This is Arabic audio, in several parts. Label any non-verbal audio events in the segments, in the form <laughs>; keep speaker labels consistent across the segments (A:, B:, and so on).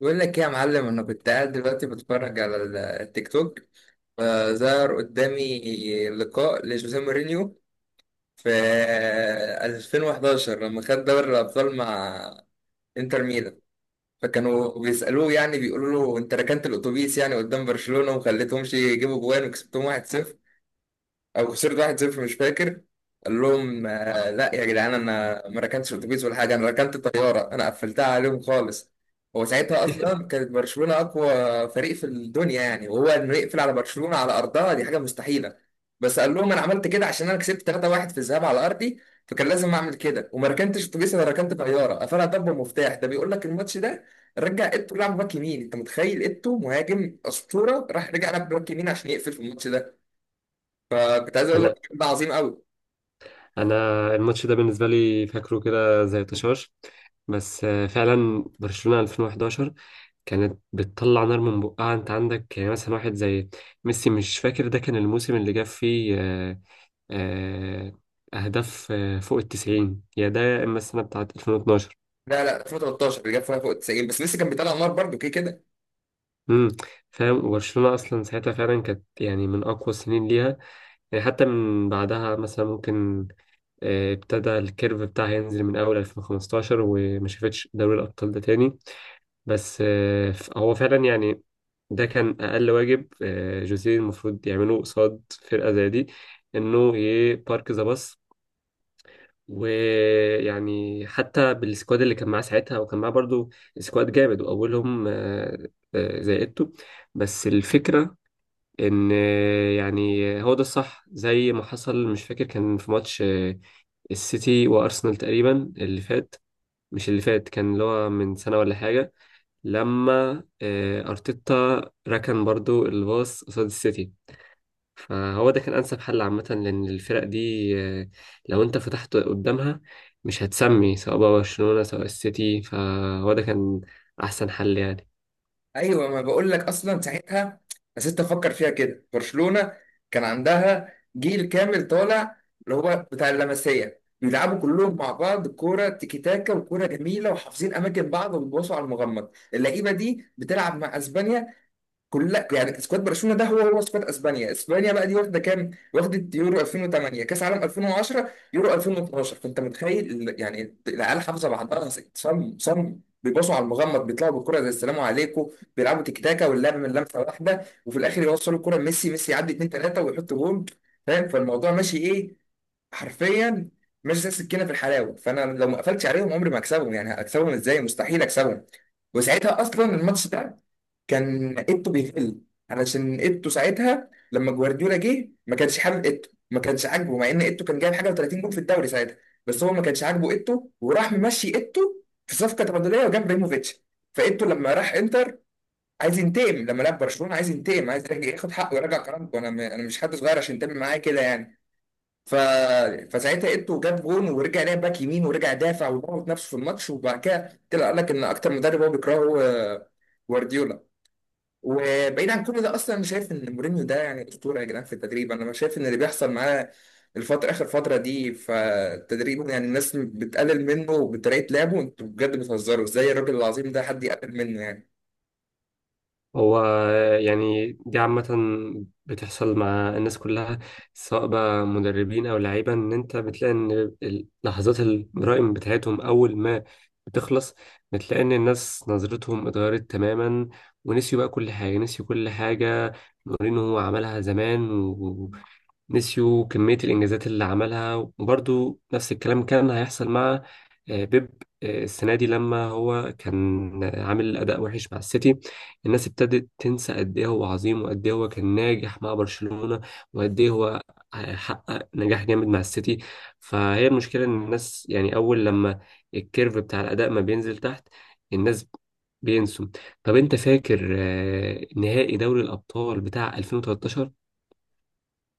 A: بقول لك ايه يا معلم، انا كنت قاعد دلوقتي بتفرج على التيك توك، فظهر قدامي لقاء لجوزيه مورينيو في 2011 لما خد دوري الابطال مع انتر ميلان. فكانوا بيسالوه، يعني بيقولوا له انت ركنت الاتوبيس يعني قدام برشلونه وخليتهمش يجيبوا جوان وكسبتهم 1-0 او خسرت 1-0، مش فاكر. قال لهم آه، لا يا جدعان، انا ما ركنتش اتوبيس ولا حاجه، انا ركنت طياره، انا قفلتها عليهم خالص. هو ساعتها اصلا كانت برشلونه اقوى فريق في الدنيا يعني، وهو انه يقفل على برشلونه على ارضها دي حاجه مستحيله. بس قال لهم انا عملت كده عشان انا كسبت 3-1 في الذهاب على ارضي، فكان لازم اعمل كده، وما ركنتش اتوبيس، انا ركنت طياره قفلها ضربه مفتاح. ده بيقول لك الماتش ده رجع ايتو لعب باك يمين. انت متخيل ايتو مهاجم اسطوره راح رجع لعب باك يمين عشان يقفل في الماتش ده. كنت عايز اقول لك
B: انا
A: الراجل ده عظيم قوي.
B: انا الماتش ده بالنسبه لي فاكره كده زي طشاش. بس فعلا برشلونه 2011 كانت بتطلع نار من بقها. انت عندك يعني مثلا واحد زي ميسي، مش فاكر ده كان الموسم اللي جاب فيه آه، اهداف فوق التسعين، يا ده يا اما السنه بتاعت 2012.
A: لا لا، 2013 اللي جاب فيها فوق 90، بس لسه كان بيطلع نار برضه كده كده.
B: امم فاهم. وبرشلونه اصلا ساعتها فعلا كانت يعني من اقوى السنين ليها، يعني حتى من بعدها مثلا ممكن ابتدى الكيرف بتاعها ينزل من أول 2015 وما شافتش دوري الأبطال ده تاني. بس هو فعلا يعني ده كان أقل واجب جوزيه المفروض يعمله قصاد فرقة زي دي، إنه يبارك ذا باص. ويعني حتى بالسكواد اللي كان معاه ساعتها، وكان معاه برضو سكواد جامد، وأولهم زي إيتو. بس الفكرة إن يعني هو ده الصح زي ما حصل. مش فاكر، كان في ماتش السيتي وارسنال تقريبا اللي فات، مش اللي فات، كان اللي هو من سنه ولا حاجه، لما ارتيتا ركن برضو الباص قصاد السيتي. فهو ده كان انسب حل عامه، لان الفرق دي آه، لو انت فتحت قدامها مش هتسمي، سواء بقى برشلونه سواء السيتي، فهو ده كان احسن حل يعني.
A: ايوه، ما بقول لك اصلا ساعتها. بس انت فكر فيها كده، برشلونه كان عندها جيل كامل طالع اللي هو بتاع اللمسيه، بيلعبوا كلهم مع بعض كوره تيكي تاكا وكوره جميله وحافظين اماكن بعض وبيباصوا على المغمض. اللعيبه دي بتلعب مع اسبانيا كلها، يعني سكواد برشلونه ده هو هو سكواد اسبانيا. اسبانيا بقى دي واخده كام؟ واخده يورو 2008، كاس عالم 2010، يورو 2012. فانت متخيل يعني العيال حافظه بعضها صم صم، بيبصوا على المغمض بيطلعوا بالكره زي السلام عليكم. بيلعبوا تيك تاكا واللعب من لمسه واحده، وفي الاخر يوصلوا الكره ميسي، ميسي يعدي 2 3 ويحط جول. فاهم؟ فالموضوع ماشي ايه؟ حرفيا ماشي زي السكينه في الحلاوه. فانا لو ما قفلتش عليهم عمري ما هكسبهم، يعني هكسبهم ازاي؟ مستحيل اكسبهم. وساعتها اصلا الماتش ده كان ايتو بيتقل، علشان ايتو ساعتها لما جوارديولا جه ما كانش حابب ايتو، ما كانش عاجبه، مع ان ايتو كان جايب حاجه و30 جول في الدوري ساعتها. بس هو ما كانش عاجبه ايتو، وراح ممشي ايتو في صفقه تبادليه وجاب ابراهيموفيتش. فايتو لما راح انتر عايز ينتقم، لما لعب برشلونه عايز ينتقم، عايز يرجع ياخد حقه ويرجع كرامته. انا مش حد صغير عشان ينتقم معايا كده يعني. ف... فساعتها ايتو جاب جون ورجع لعب باك يمين ورجع دافع وضغط نفسه في الماتش. وبعد كده طلع قال لك ان اكتر مدرب هو بيكرهه هو جوارديولا. وبعيد عن كل ده، اصلا انا شايف ان مورينيو ده يعني اسطوره يا جدعان في التدريب. انا شايف ان اللي بيحصل معاه الفتره اخر فتره دي فالتدريب، يعني الناس بتقلل منه بطريقه لعبه. انتوا بجد بتهزروا ازاي؟ الراجل العظيم ده حد يقلل منه يعني؟
B: هو يعني دي عامة بتحصل مع الناس كلها، سواء بقى مدربين أو لعيبة، إن أنت بتلاقي إن لحظات الجرائم بتاعتهم أول ما بتخلص بتلاقي إن الناس نظرتهم اتغيرت تماما، ونسيوا بقى كل حاجة، نسيوا كل حاجة. مورينو عملها زمان، ونسيوا كمية الإنجازات اللي عملها. وبرضو نفس الكلام كان هيحصل مع بيب السنة دي لما هو كان عامل أداء وحش مع السيتي. الناس ابتدت تنسى قد إيه هو عظيم، وقد إيه هو كان ناجح مع برشلونة، وقد إيه هو حقق نجاح جامد مع السيتي. فهي المشكلة إن الناس، يعني أول لما الكيرف بتاع الأداء ما بينزل تحت، الناس بينسوا. طب أنت فاكر نهائي دوري الأبطال بتاع 2013،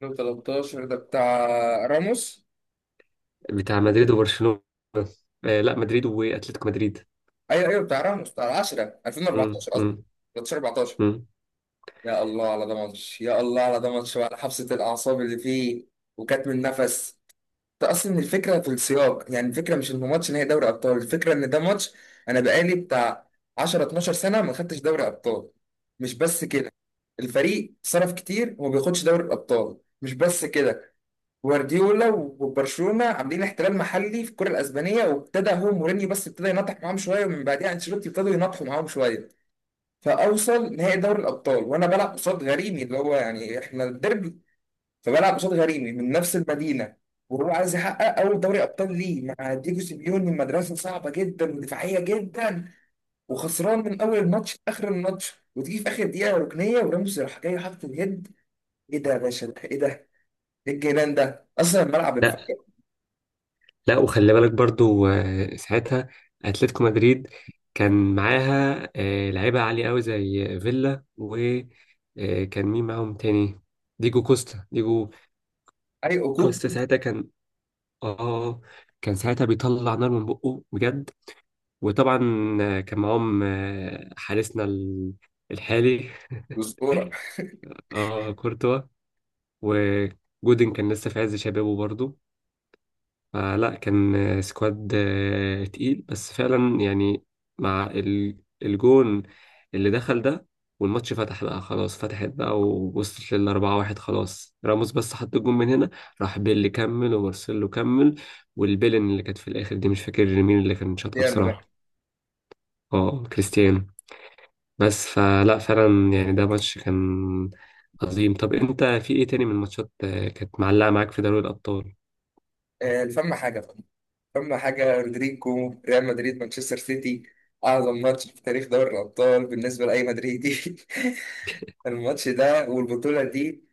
A: 2013 ده بتاع راموس.
B: بتاع مدريد وبرشلونة؟ لا، مدريد وأتلتيكو مدريد.
A: ايوه ايوه، بتاع راموس، بتاع 10
B: مم،
A: 2014 قصدي،
B: مم،
A: 13 14.
B: مم.
A: يا الله على ده ماتش، يا الله على ده ماتش، وعلى حبسه الاعصاب اللي فيه وكاتم النفس. ده اصلا الفكره في السياق، يعني الفكره مش ان ماتش نهائي دوري ابطال، الفكره ان ده ماتش انا بقالي بتاع 10 12 سنه ما خدتش دوري ابطال. مش بس كده، الفريق صرف كتير وما بياخدش دوري الابطال. مش بس كده، جوارديولا وبرشلونه عاملين احتلال محلي في الكره الاسبانيه، وابتدى هو مورينيو بس ابتدى ينطح معاهم شويه، ومن بعدها انشيلوتي ابتدوا ينطحوا معاهم شويه. فاوصل نهائي دوري الابطال وانا بلعب قصاد غريمي اللي هو يعني احنا الديربي. فبلعب قصاد غريمي من نفس المدينه، وهو عايز يحقق اول دوري ابطال ليه مع ديجو سيميوني، مدرسه صعبه جدا ودفاعيه جدا. وخسران من اول الماتش لاخر الماتش، وتيجي في اخر دقيقه ركنيه وراموس راح جاي حاطط اليد. ايه ده يا باشا؟ ده ايه ده؟ ايه الجنان ده؟ اصلا الملعب
B: لا،
A: انفجر.
B: لا. وخلي بالك برضو ساعتها اتلتيكو مدريد كان معاها لعيبه عاليه قوي زي فيلا، وكان مين معاهم تاني؟ ديجو
A: اي عقوق
B: كوستا ساعتها كان، اه، كان ساعتها بيطلع نار من بقه بجد. وطبعا كان معاهم حارسنا الحالي،
A: وزقوره.
B: اه، كورتوا. وجودن كان لسه في عز شبابه برضو، فلا كان سكواد تقيل. بس فعلا يعني مع الجون اللي دخل ده، والماتش فتح بقى، خلاص فتحت بقى، ووصلت للأربعة واحد. خلاص راموس بس حط الجون من هنا، راح بيل كمل ومارسيلو كمل. والبيلن اللي كانت في الآخر دي مش فاكر مين اللي كان شاطها
A: يلا ده.
B: بصراحة. اه، كريستيانو. بس فلا فعلا يعني ده ماتش كان عظيم. طب انت في ايه تاني من الماتشات كانت معلقة معاك في دوري الأبطال؟
A: آه، فما حاجه بقى. فما حاجه رودريجو ريال مدريد مانشستر سيتي، اعظم ماتش في تاريخ دوري الابطال بالنسبه لاي مدريدي. <laughs> الماتش ده والبطوله دي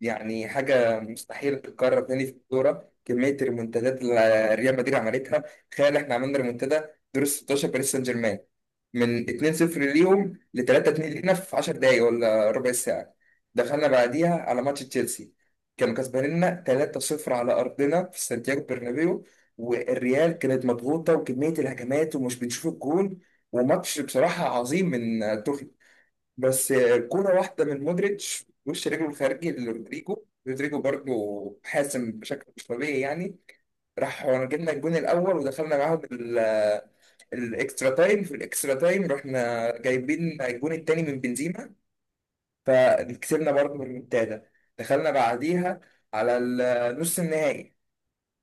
A: يعني حاجة مستحيل تتكرر تاني في الكورة. كمية الريمونتادات اللي ريال مدريد عملتها، تخيل احنا عملنا ريمونتادا دور ال 16 باريس سان جيرمان من 2-0 ليهم ل 3-2 لينا في 10 دقايق ولا ربع ساعة. دخلنا بعديها على ماتش تشيلسي، كانوا كسبانيننا 3-0 على أرضنا في سانتياغو برنابيو، والريال كانت مضغوطة وكمية الهجمات ومش بنشوف الجون. وماتش بصراحة عظيم من توخيل. بس كورة واحدة من مودريتش وش رجله الخارجي لرودريجو، رودريجو برضه حاسم بشكل مش طبيعي يعني. راح جبنا الجون الأول، ودخلنا معاهم الإكسترا تايم. في الإكسترا تايم رحنا جايبين الجون التاني من بنزيما، فكسبنا برضه بالريمونتادا. دخلنا بعديها على النص النهائي.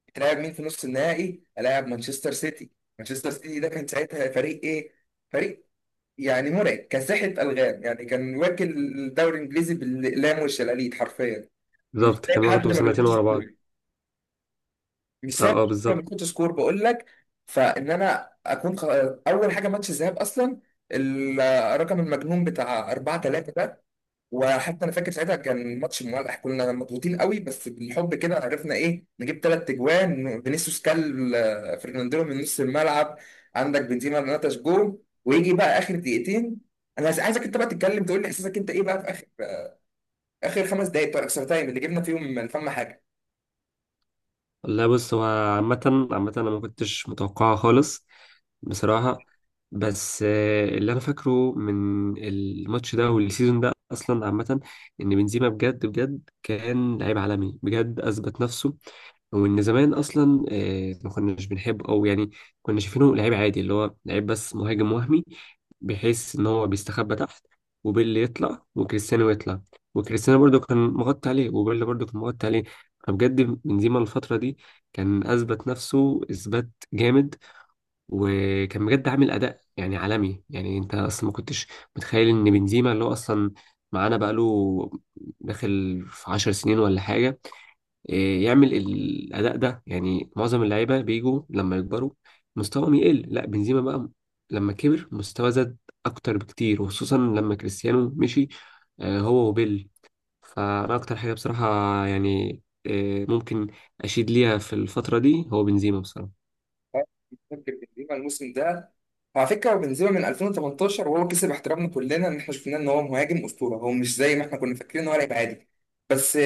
A: هتلاعب مين في نص النهائي؟ هلاعب مانشستر سيتي. مانشستر سيتي ده كان ساعتها فريق إيه؟ فريق يعني مرعب، كان ساحة ألغام، يعني كان واكل الدوري الإنجليزي بالأقلام والشلاليت حرفيا. مش
B: بالظبط، كان
A: سايب
B: واخده
A: حد ما
B: سنتين
A: بيحطش
B: ورا بعض.
A: سكور، مش
B: اه،
A: سايب
B: اه،
A: حد ما
B: بالظبط.
A: بيحطش سكور، بقول لك. فإن أنا أكون أول حاجة ماتش الذهاب أصلا الرقم المجنون بتاع 4 3. وحتى انا فاكر ساعتها كان ماتش مولع، كنا مضغوطين قوي، بس بالحب كده عرفنا ايه نجيب ثلاث تجوان. فينيسيوس كل فرناندينو من نص الملعب. عندك بنزيما نتش جول. ويجي بقى اخر دقيقتين، انا عايزك انت بقى تتكلم تقول لي احساسك انت ايه بقى في اخر اخر خمس دقائق بتوع الاكسترا تايم اللي جبنا فيهم من فم حاجه.
B: لا، بص، هو عامة عامة أنا ما كنتش متوقعها خالص بصراحة. بس اللي أنا فاكره من الماتش ده والسيزون ده أصلا عامة، إن بنزيما بجد بجد كان لعيب عالمي بجد، أثبت نفسه. وإن زمان أصلا ما كناش بنحبه، أو يعني كنا شايفينه لعيب عادي، اللي هو لعيب بس مهاجم وهمي، بحيث إن هو بيستخبى تحت وبيل يطلع وكريستيانو يطلع. وكريستيانو برضو كان مغطي عليه، وبيل برضو كان مغطي عليه. فبجد بنزيما الفترة دي كان أثبت نفسه إثبات جامد، وكان بجد عامل اداء يعني عالمي. يعني انت اصلا ما كنتش متخيل ان بنزيما، اللي هو اصلا معانا بقاله داخل في عشر سنين ولا حاجه، إيه، يعمل الاداء ده. يعني معظم اللعيبه بيجوا لما يكبروا مستواهم يقل. لا، بنزيما بقى لما كبر مستوى زاد اكتر بكتير، وخصوصا لما كريستيانو مشي هو وبيل. فانا اكتر حاجه بصراحه يعني ممكن اشيد ليها في الفتره دي هو بنزيما بصراحه.
A: آه، فاكر بنزيما الموسم ده، وعلى فكره بنزيما من 2018 وهو كسب احترامنا كلنا ان احنا شفناه ان هو مهاجم اسطوره، هو مش زي ما احنا كنا فاكرين ان هو لعيب عادي. بس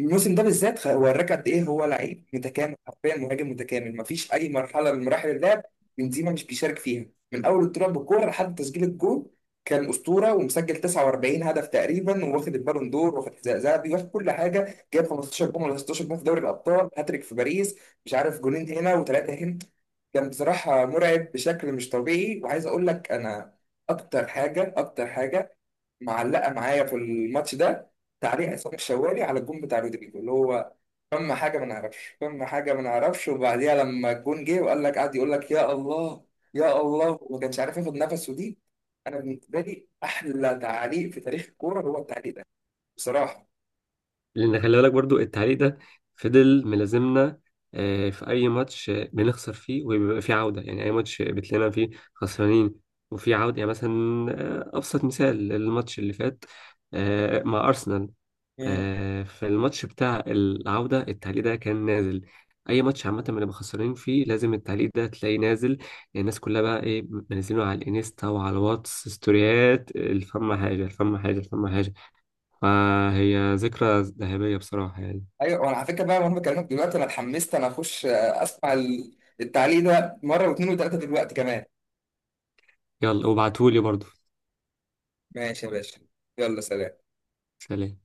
A: الموسم ده بالذات وراك قد ايه هو لعيب متكامل، حرفيا مهاجم متكامل مفيش اي مرحله من مراحل اللعب بنزيما مش بيشارك فيها، من اول الطلوع بالكوره لحد تسجيل الجول. كان اسطوره، ومسجل 49 هدف تقريبا، وواخد البالون دور، واخد حذاء ذهبي، واخد كل حاجه، جايب 15 جون ولا 16 جون في دوري الابطال، هاتريك في باريس، مش عارف جولين هنا وثلاثه هنا. كان بصراحه مرعب بشكل مش طبيعي. وعايز اقول لك انا اكتر حاجه، اكتر حاجه معلقه معايا في الماتش ده، تعليق عصام الشوالي على الجون بتاع رودريجو اللي هو فما حاجه ما نعرفش، فما حاجه ما نعرفش. وبعديها لما الجون جه وقال لك قعد يقول لك يا الله، يا الله، وما كانش عارف ياخد نفسه دي. انا بالنسبه لي احلى تعليق في تاريخ الكوره هو التعليق ده بصراحه.
B: لان خلي بالك برضو التعليق ده فضل ملازمنا في اي ماتش بنخسر فيه وبيبقى فيه عوده، يعني اي ماتش بتلاقينا فيه خسرانين وفي عوده. يعني مثلا ابسط مثال الماتش اللي فات مع ارسنال،
A: مم.
B: في الماتش بتاع العوده، التعليق ده كان نازل. اي ماتش عامه بنبقى خسرانين فيه لازم التعليق ده تلاقيه نازل. الناس كلها بقى ايه منزلينه على الانستا وعلى الواتس ستوريات، الفم حاجه، الفم حاجه، الفم حاجه. فهي ذكرى ذهبية بصراحة يعني.
A: ايوه، وانا على فكره بقى وانا بكلمك دلوقتي انا اتحمست، انا اخش اسمع التعليق ده مره واثنين وثلاثه دلوقتي كمان.
B: يلا وابعتهولي برضو.
A: ماشي يا باشا، يلا سلام.
B: سلام.